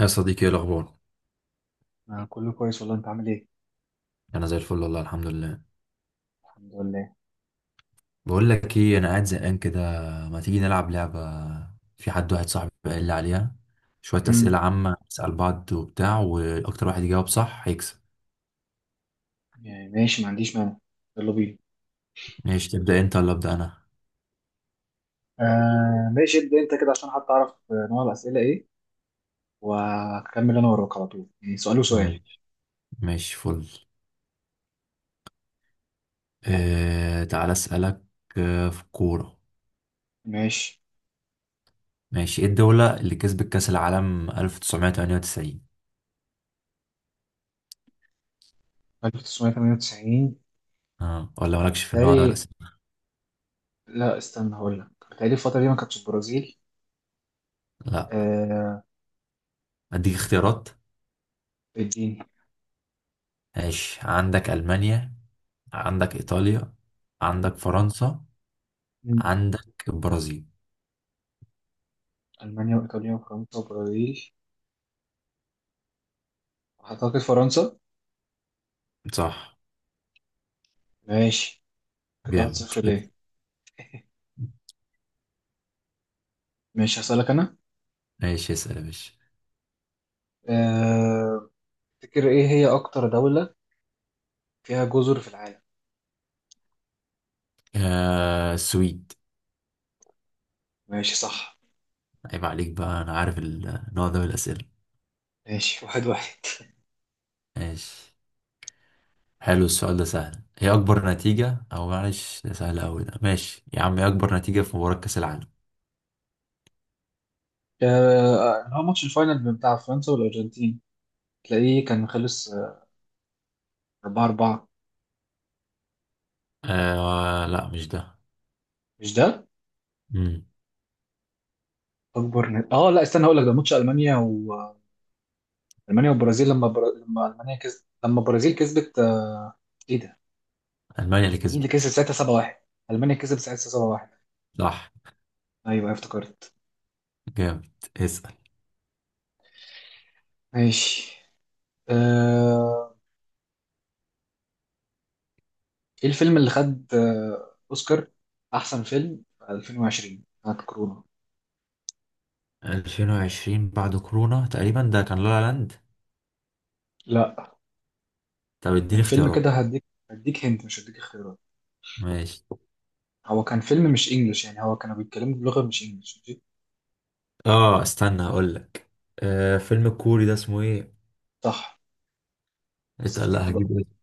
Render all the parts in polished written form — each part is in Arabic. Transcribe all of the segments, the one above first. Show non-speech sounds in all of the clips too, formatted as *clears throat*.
يا صديقي، ايه الاخبار؟ أنا كله كويس والله أنت عامل إيه؟ انا زي الفل والله، الحمد لله. الحمد لله. بقول لك ايه، انا قاعد زهقان كده. ما تيجي نلعب لعبه؟ في حد، واحد صاحبي، قال لي عليها. شويه اسئله امم. عامه نسال بعض وبتاع، واكتر واحد يجاوب صح هيكسب. يعني ماشي، ما عنديش مانع. يلا بينا. ماشي، تبدا انت ولا ابدا انا؟ آه، ماشي، ابدأ أنت كده عشان حتى أعرف نوع الأسئلة إيه، وهكمل أنا وراك على طول، يعني سؤال وسؤال. ماشي. ماشي فل. آه تعالى اسالك. آه في الكوره. ماشي. ماشي، ايه الدوله اللي كسبت كاس العالم 1998؟ 1998. اه ولا مالكش في النوع ده من بالتالي، الاسئله؟ لا، استنى هقول لك، بالتالي الفترة دي ما كانتش البرازيل. لا آه. اديك اختيارات. اديني. ماشي، عندك المانيا، عندك إيطاليا، عندك فرنسا، مم. عندك البرازيل. ألمانيا وإيطاليا وفرنسا وبرازيل، أعتقد فرنسا. صح. ماشي، كده واحد جامد. صفر ليه. ماشي، هسألك أنا. ماشي اسأل يا باشا. آه، تفتكر إيه هي أكتر دولة فيها جزر في العالم؟ آه السويد. ماشي، صح. عيب عليك بقى، أنا عارف النوع ده من الأسئلة. ماشي، 1-1. *laughs* ماشي. حلو السؤال ده، سهل. هي أكبر نتيجة، أو معلش ده سهل أوي، ده ماشي يا عم، هي أكبر نتيجة في مباراة كأس العالم. اللي هو ماتش الفاينل بتاع فرنسا والأرجنتين، تلاقيه كان خلص 4-4. آه لا مش ده. مش ده؟ مم. اه، لا، استنى هقول لك، ده ماتش ألمانيا وألمانيا والبرازيل، لما لما ألمانيا كسبت، لما البرازيل كسبت ايه ده؟ ألمانيا اللي مين اللي كسبت. كسب ساعتها 7-1؟ ألمانيا كسبت ساعتها 7-1. صح. ايوه، أيوة، افتكرت. جامد اسأل. ماشي. آه، ايه الفيلم اللي خد أوسكار أحسن فيلم في 2020 بتاعت كورونا؟ 2020 بعد كورونا تقريبا ده كان لا لا لاند. لا. طب كان اديني فيلم اختيارات. كده هديك. هديك هنت، مش هديك اختيارات. ماشي. هو كان فيلم مش انجلش، يعني هو كانوا بيتكلموا بلغة مش انجلش، ماشي. اه استنى هقول لك. آه فيلم الكوري ده اسمه ايه؟ صح. بس اتقل، لا افتكره بقى. هجيب اسمه.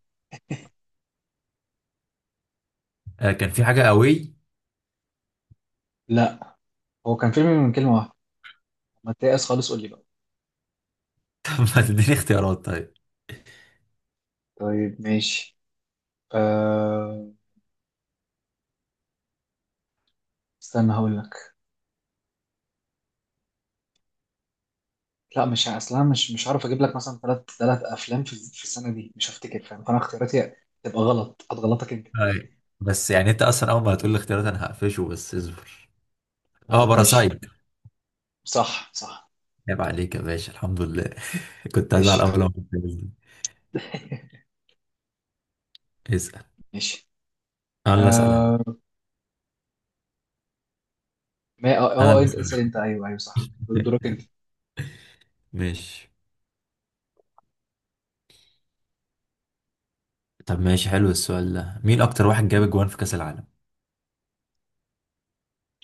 آه كان في حاجة قوي. *laughs* لا. هو كان فيلم من كلمة واحدة. ما تيأس خالص، قول لي بقى. طب ما تديني اختيارات طيب؟ طيب، ماشي. أه... استنى هقول لك. لا، مش ه- اصلا مش عارف اجيب لك مثلا ثلاث افلام في السنة دي، مش هفتكر، فاهم؟ فانا اختياراتي تبقى غلط، هتغلطك انت. طيب، بس يعني انت اصلا اول ما هتقول لي اختيارات انا هقفشه، بس اصبر. اه طب، ماشي. باراسايت. صح، صح. عيب عليك يا باشا، الحمد لله. *laughs* كنت هزعل ماشي يا عم. اول ما قلت لي. *laughs* اسأل. ماشي. انا اللي اسأل أه... ما انا اللي انت اسأل انت، اسأل. ايوه، ايوه، صح دورك. *laughs* ماشي. طب ماشي، حلو السؤال ده. مين اكتر واحد جاب انت اجوان في كأس العالم؟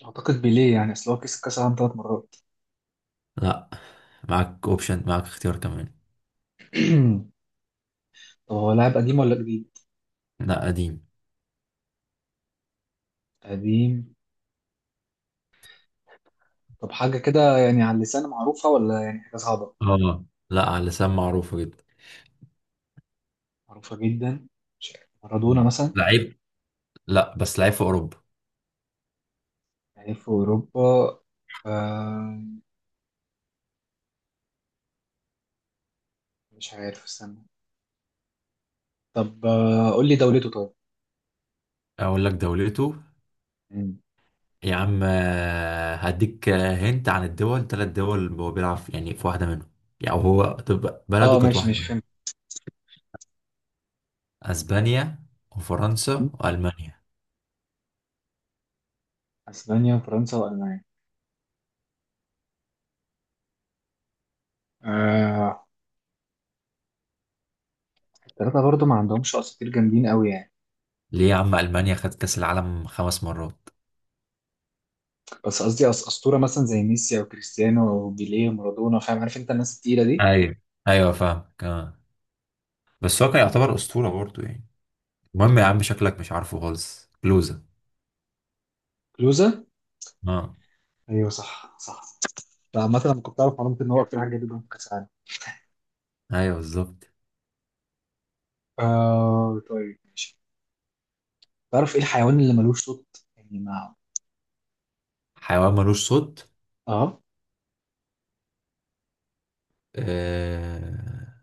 اعتقد بيليه، يعني اصل هو كسب كاس العالم 3 مرات. لا. معاك اوبشن، معاك اختيار كمان. *clears throat* طب هو لاعب قديم ولا جديد؟ لا قديم. قديم. طب حاجه كده يعني على اللسان معروفه، ولا يعني حاجه صعبه؟ اه، لا على لسان معروفة جدا. معروفه جدا. مش عارف، مارادونا مثلا؟ لعيب. لا بس لعيب في اوروبا. لعيب في اوروبا. آه. مش عارف، استنى. طب، قول لي دولته طيب. اقول لك دولته. مم. يا عم هديك هنت عن الدول، ثلاث دول هو بيلعب في- يعني في واحده منهم. يعني هو، طب بلده اه، كانت ماشي واحده ماشي، فهمت. منهم. اسبانيا وفرنسا والمانيا. اسبانيا وفرنسا والمانيا. آه. الثلاثه برضو ما عندهمش اساطير جامدين قوي يعني. ليه يا عم، المانيا خدت كاس العالم خمس مرات. بس قصدي اسطوره مثلا، زي ميسي او كريستيانو او بيليه ومارادونا، فاهم؟ عارف انت الناس التقيله دي. ايوه. ايوه فاهم آه. بس هو كان يعتبر اسطوره برضه يعني. المهم يا عم، شكلك مش عارفه خالص، كلوزة. كلوزا. اه. ايوه، صح، صح. فعامة انا كنت اعرف معلومة ان هو اكتر حاجة جامدة جدا في كاس العالم. ايوه بالظبط. آه طيب. تعرف ايه الحيوان اللي ملوش صوت؟ يعني ما... حيوان ملوش صوت. اه. آه...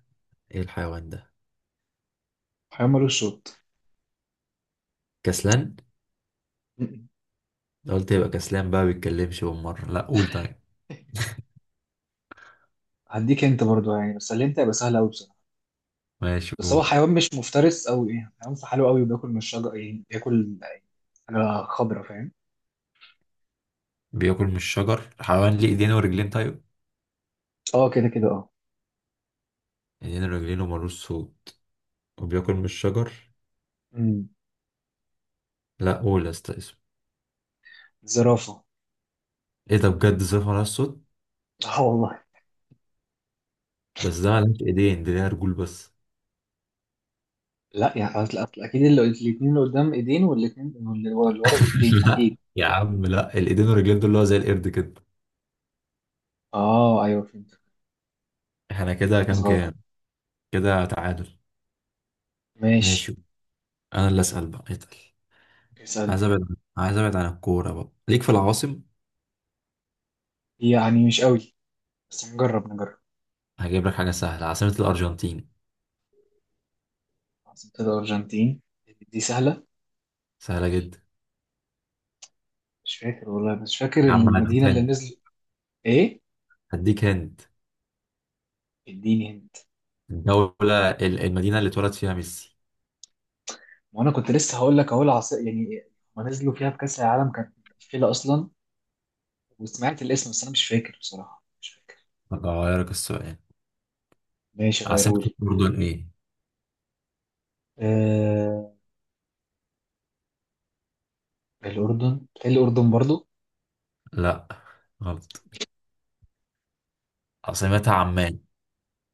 ايه الحيوان ده؟ حيوان ملوش صوت. كسلان. م-م. ده قلت يبقى كسلان بقى، بيتكلمش بالمرة. لا قول طيب. هديك انت برضو يعني، بس اللي انت هيبقى سهل قوي بصراحة. ماشي بس هو قول. حيوان مش مفترس او ايه، حيوان في حاله قوي وبياكل من الشجر، يعني بياكل حاجة خضرا فاهم؟ بياكل من الشجر؟ حيوان ليه ايدين ورجلين طيب؟ اه، كده كده، اه. ايدين ورجلين ومالوش صوت وبياكل من الشجر. امم لا قول يا اسطى اسمه. زرافة. ايه ده بجد، زي مالهاش صوت. اه والله. بس ده مالهاش ايدين، دي ليها رجول بس. لا، يعني أصل اكيد اللي الاثنين اللي قدام ايدين والاثنين اللي ورا رجلين *laughs* لا اكيد. يا عم لا، الايدين والرجلين دول اللي هو زي القرد كده. اه، ايوه، فهمت. احنا كده خلاص كام غلط. كام؟ كده تعادل. ماشي. ماشي. انا اللي اسال بقى اتقل. عايز اسألني. ابعد، عايز ابعد عن الكوره بقى. ليك في العواصم؟ يعني مش قوي، بس نجرب نجرب. هجيب لك حاجه سهله، عاصمه الارجنتين. عاصمة الأرجنتين دي سهلة. سهله جدا. مش فاكر والله، مش فاكر يا عم المدينة اللي هديك، نزل. إيه؟ هديك هند. اديني هنت. الدولة ال- المدينة اللي اتولد فيها ميسي. وأنا كنت لسه هقول لك أهو العاصمة يعني. هما نزلوا فيها في كأس العالم كانت مقفلة أصلا. وسمعت الاسم، بس أنا مش فاكر بصراحة، مش فاكر. أغيرك السؤال. ماشي، عاصمة غيرولي. الأردن إيه؟ آه... الأردن، بتهيألي الأردن برضو. لا غلط. عاصمتها عمان.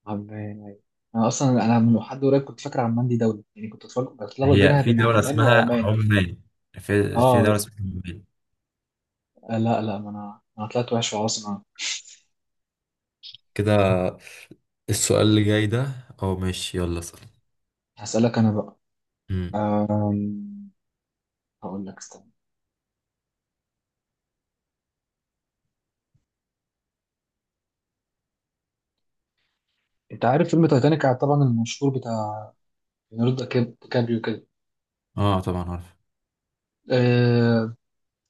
عمان، أيوة. أنا أصلا من حد قريب كنت فاكر عمان دي دولة، يعني كنت بتلخبط هي بينها في بين دولة عمان اسمها وعمان. عمان؟ في، في دولة اه. اسمها عمان. لا، لا، ما انا طلعت وحش خلاص انا. كده. السؤال اللي جاي ده، أو ماشي يلا اسأل. هسألك انا بقى. مم. أم، هقول لك استنى. انت عارف فيلم تايتانيك طبعا المشهور بتاع ليوناردو ديكابريو كده. اه طبعا عارف. أه...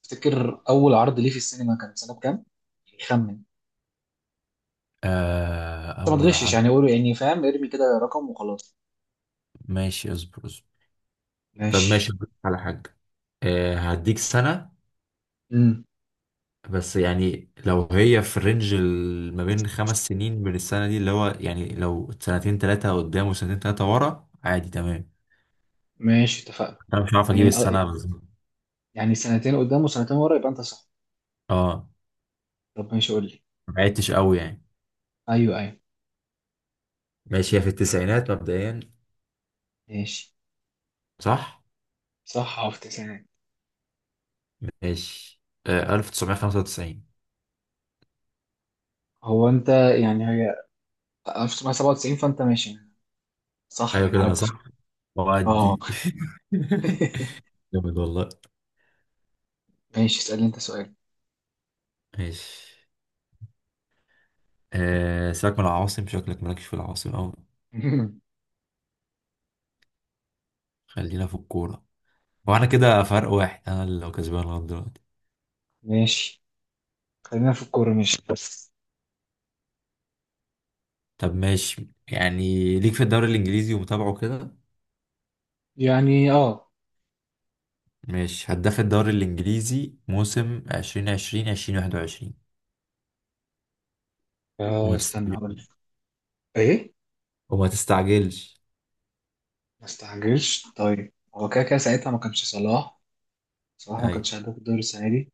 تفتكر اول عرض ليه في السينما كان سنة كام؟ خمن انت. آه ما أول تغشش عرض. يعني، قول يعني، فاهم؟ ارمي كده رقم وخلاص. ماشي اصبر، اصبر. طب ماشي، ماشي. أقول لك على حاجة. آه هديك سنة، امم. بس يعني لو هي في رينج ال- ما بين خمس سنين من السنة دي، اللي هو يعني لو سنتين تلاتة قدام وسنتين تلاتة ورا عادي، تمام. ماشي، اتفقنا. أنا مش عارف أجيب يعني السنة بالظبط. يعني سنتين قدام وسنتين ورا يبقى انت صح. اه. طب ماشي، قول لي. ما بعدتش قوي يعني. ايوه، ايوه. ماشي، هي في التسعينات مبدئيا. ماشي. صح. صح، في تسعين. ماشي. آه 1995. هو انت يعني هي 1997، فانت ماشي. صح، أيوة يعني كده على أنا اتفاق. صح، اه. وأدي. *laughs* *laughs* جامد والله. ماشي، اسألني انت سؤال. ماشي. آه سيبك من العواصم، شكلك مالكش في العواصم أوي. *laughs* خلينا في الكورة. وأنا كده فرق واحد، أنا اللي لو كسبان لغاية دلوقتي. ماشي. خلينا في الكورة ماشي بس. طب ماشي يعني، ليك في الدوري الانجليزي ومتابعه كده. يعني اه. ماشي، هداف الدوري الانجليزي موسم 2020 2021. وما استنى تستعجلش، هقول لك. ايه؟ وما تستعجلش. ما استعجلش طيب، هو كده كده ساعتها ما كانش صلاح. صلاح ما ايوه كانش هداف الدوري السنة دي.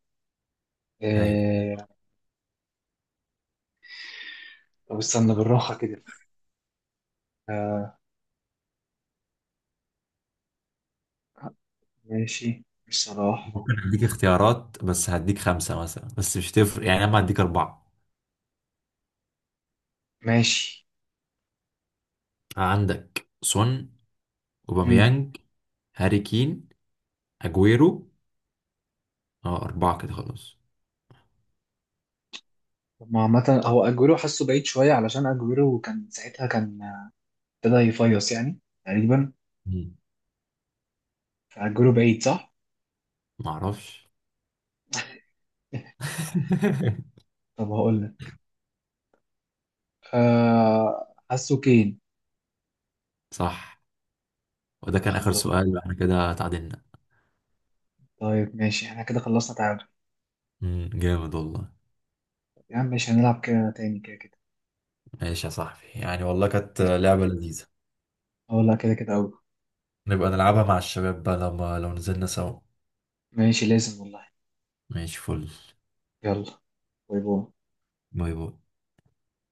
ايوه. آه... طب استنى بالراحة كده. آه... ماشي، مش صلاح. ممكن اديك اختيارات، بس هديك خمسة مثلا، بس مش تفرق يعني، انا هديك اربعة. ماشي. عندك سون، مم. اوباميانج، هاري كين، اجويرو. اه اربعة كده خلاص. طب ما عامة، هو أجويرو حاسه بعيد شوية علشان أجويرو كان ساعتها كان، ابتدى يفيص يعني، تقريبا. مم. فأجويرو بعيد صح؟ معرفش. *laughs* *laughs* طب هقول لك، آه حاسه كين. صح. وده طب كان اخر الحمد لله. سؤال، احنا كده تعادلنا. طيب ماشي، احنا كده خلصنا تعادل. مم، جامد والله. طب يا عم ماشي، هنلعب كده تاني كده كده. ماشي يا صاحبي، يعني والله كانت ماشي، لعبة لذيذة. اه، لا كده كده أوي. نبقى نلعبها مع الشباب بقى، لما لو نزلنا سوا. ماشي، لازم والله. ماشي فل. يلا. باي باي. باي باي.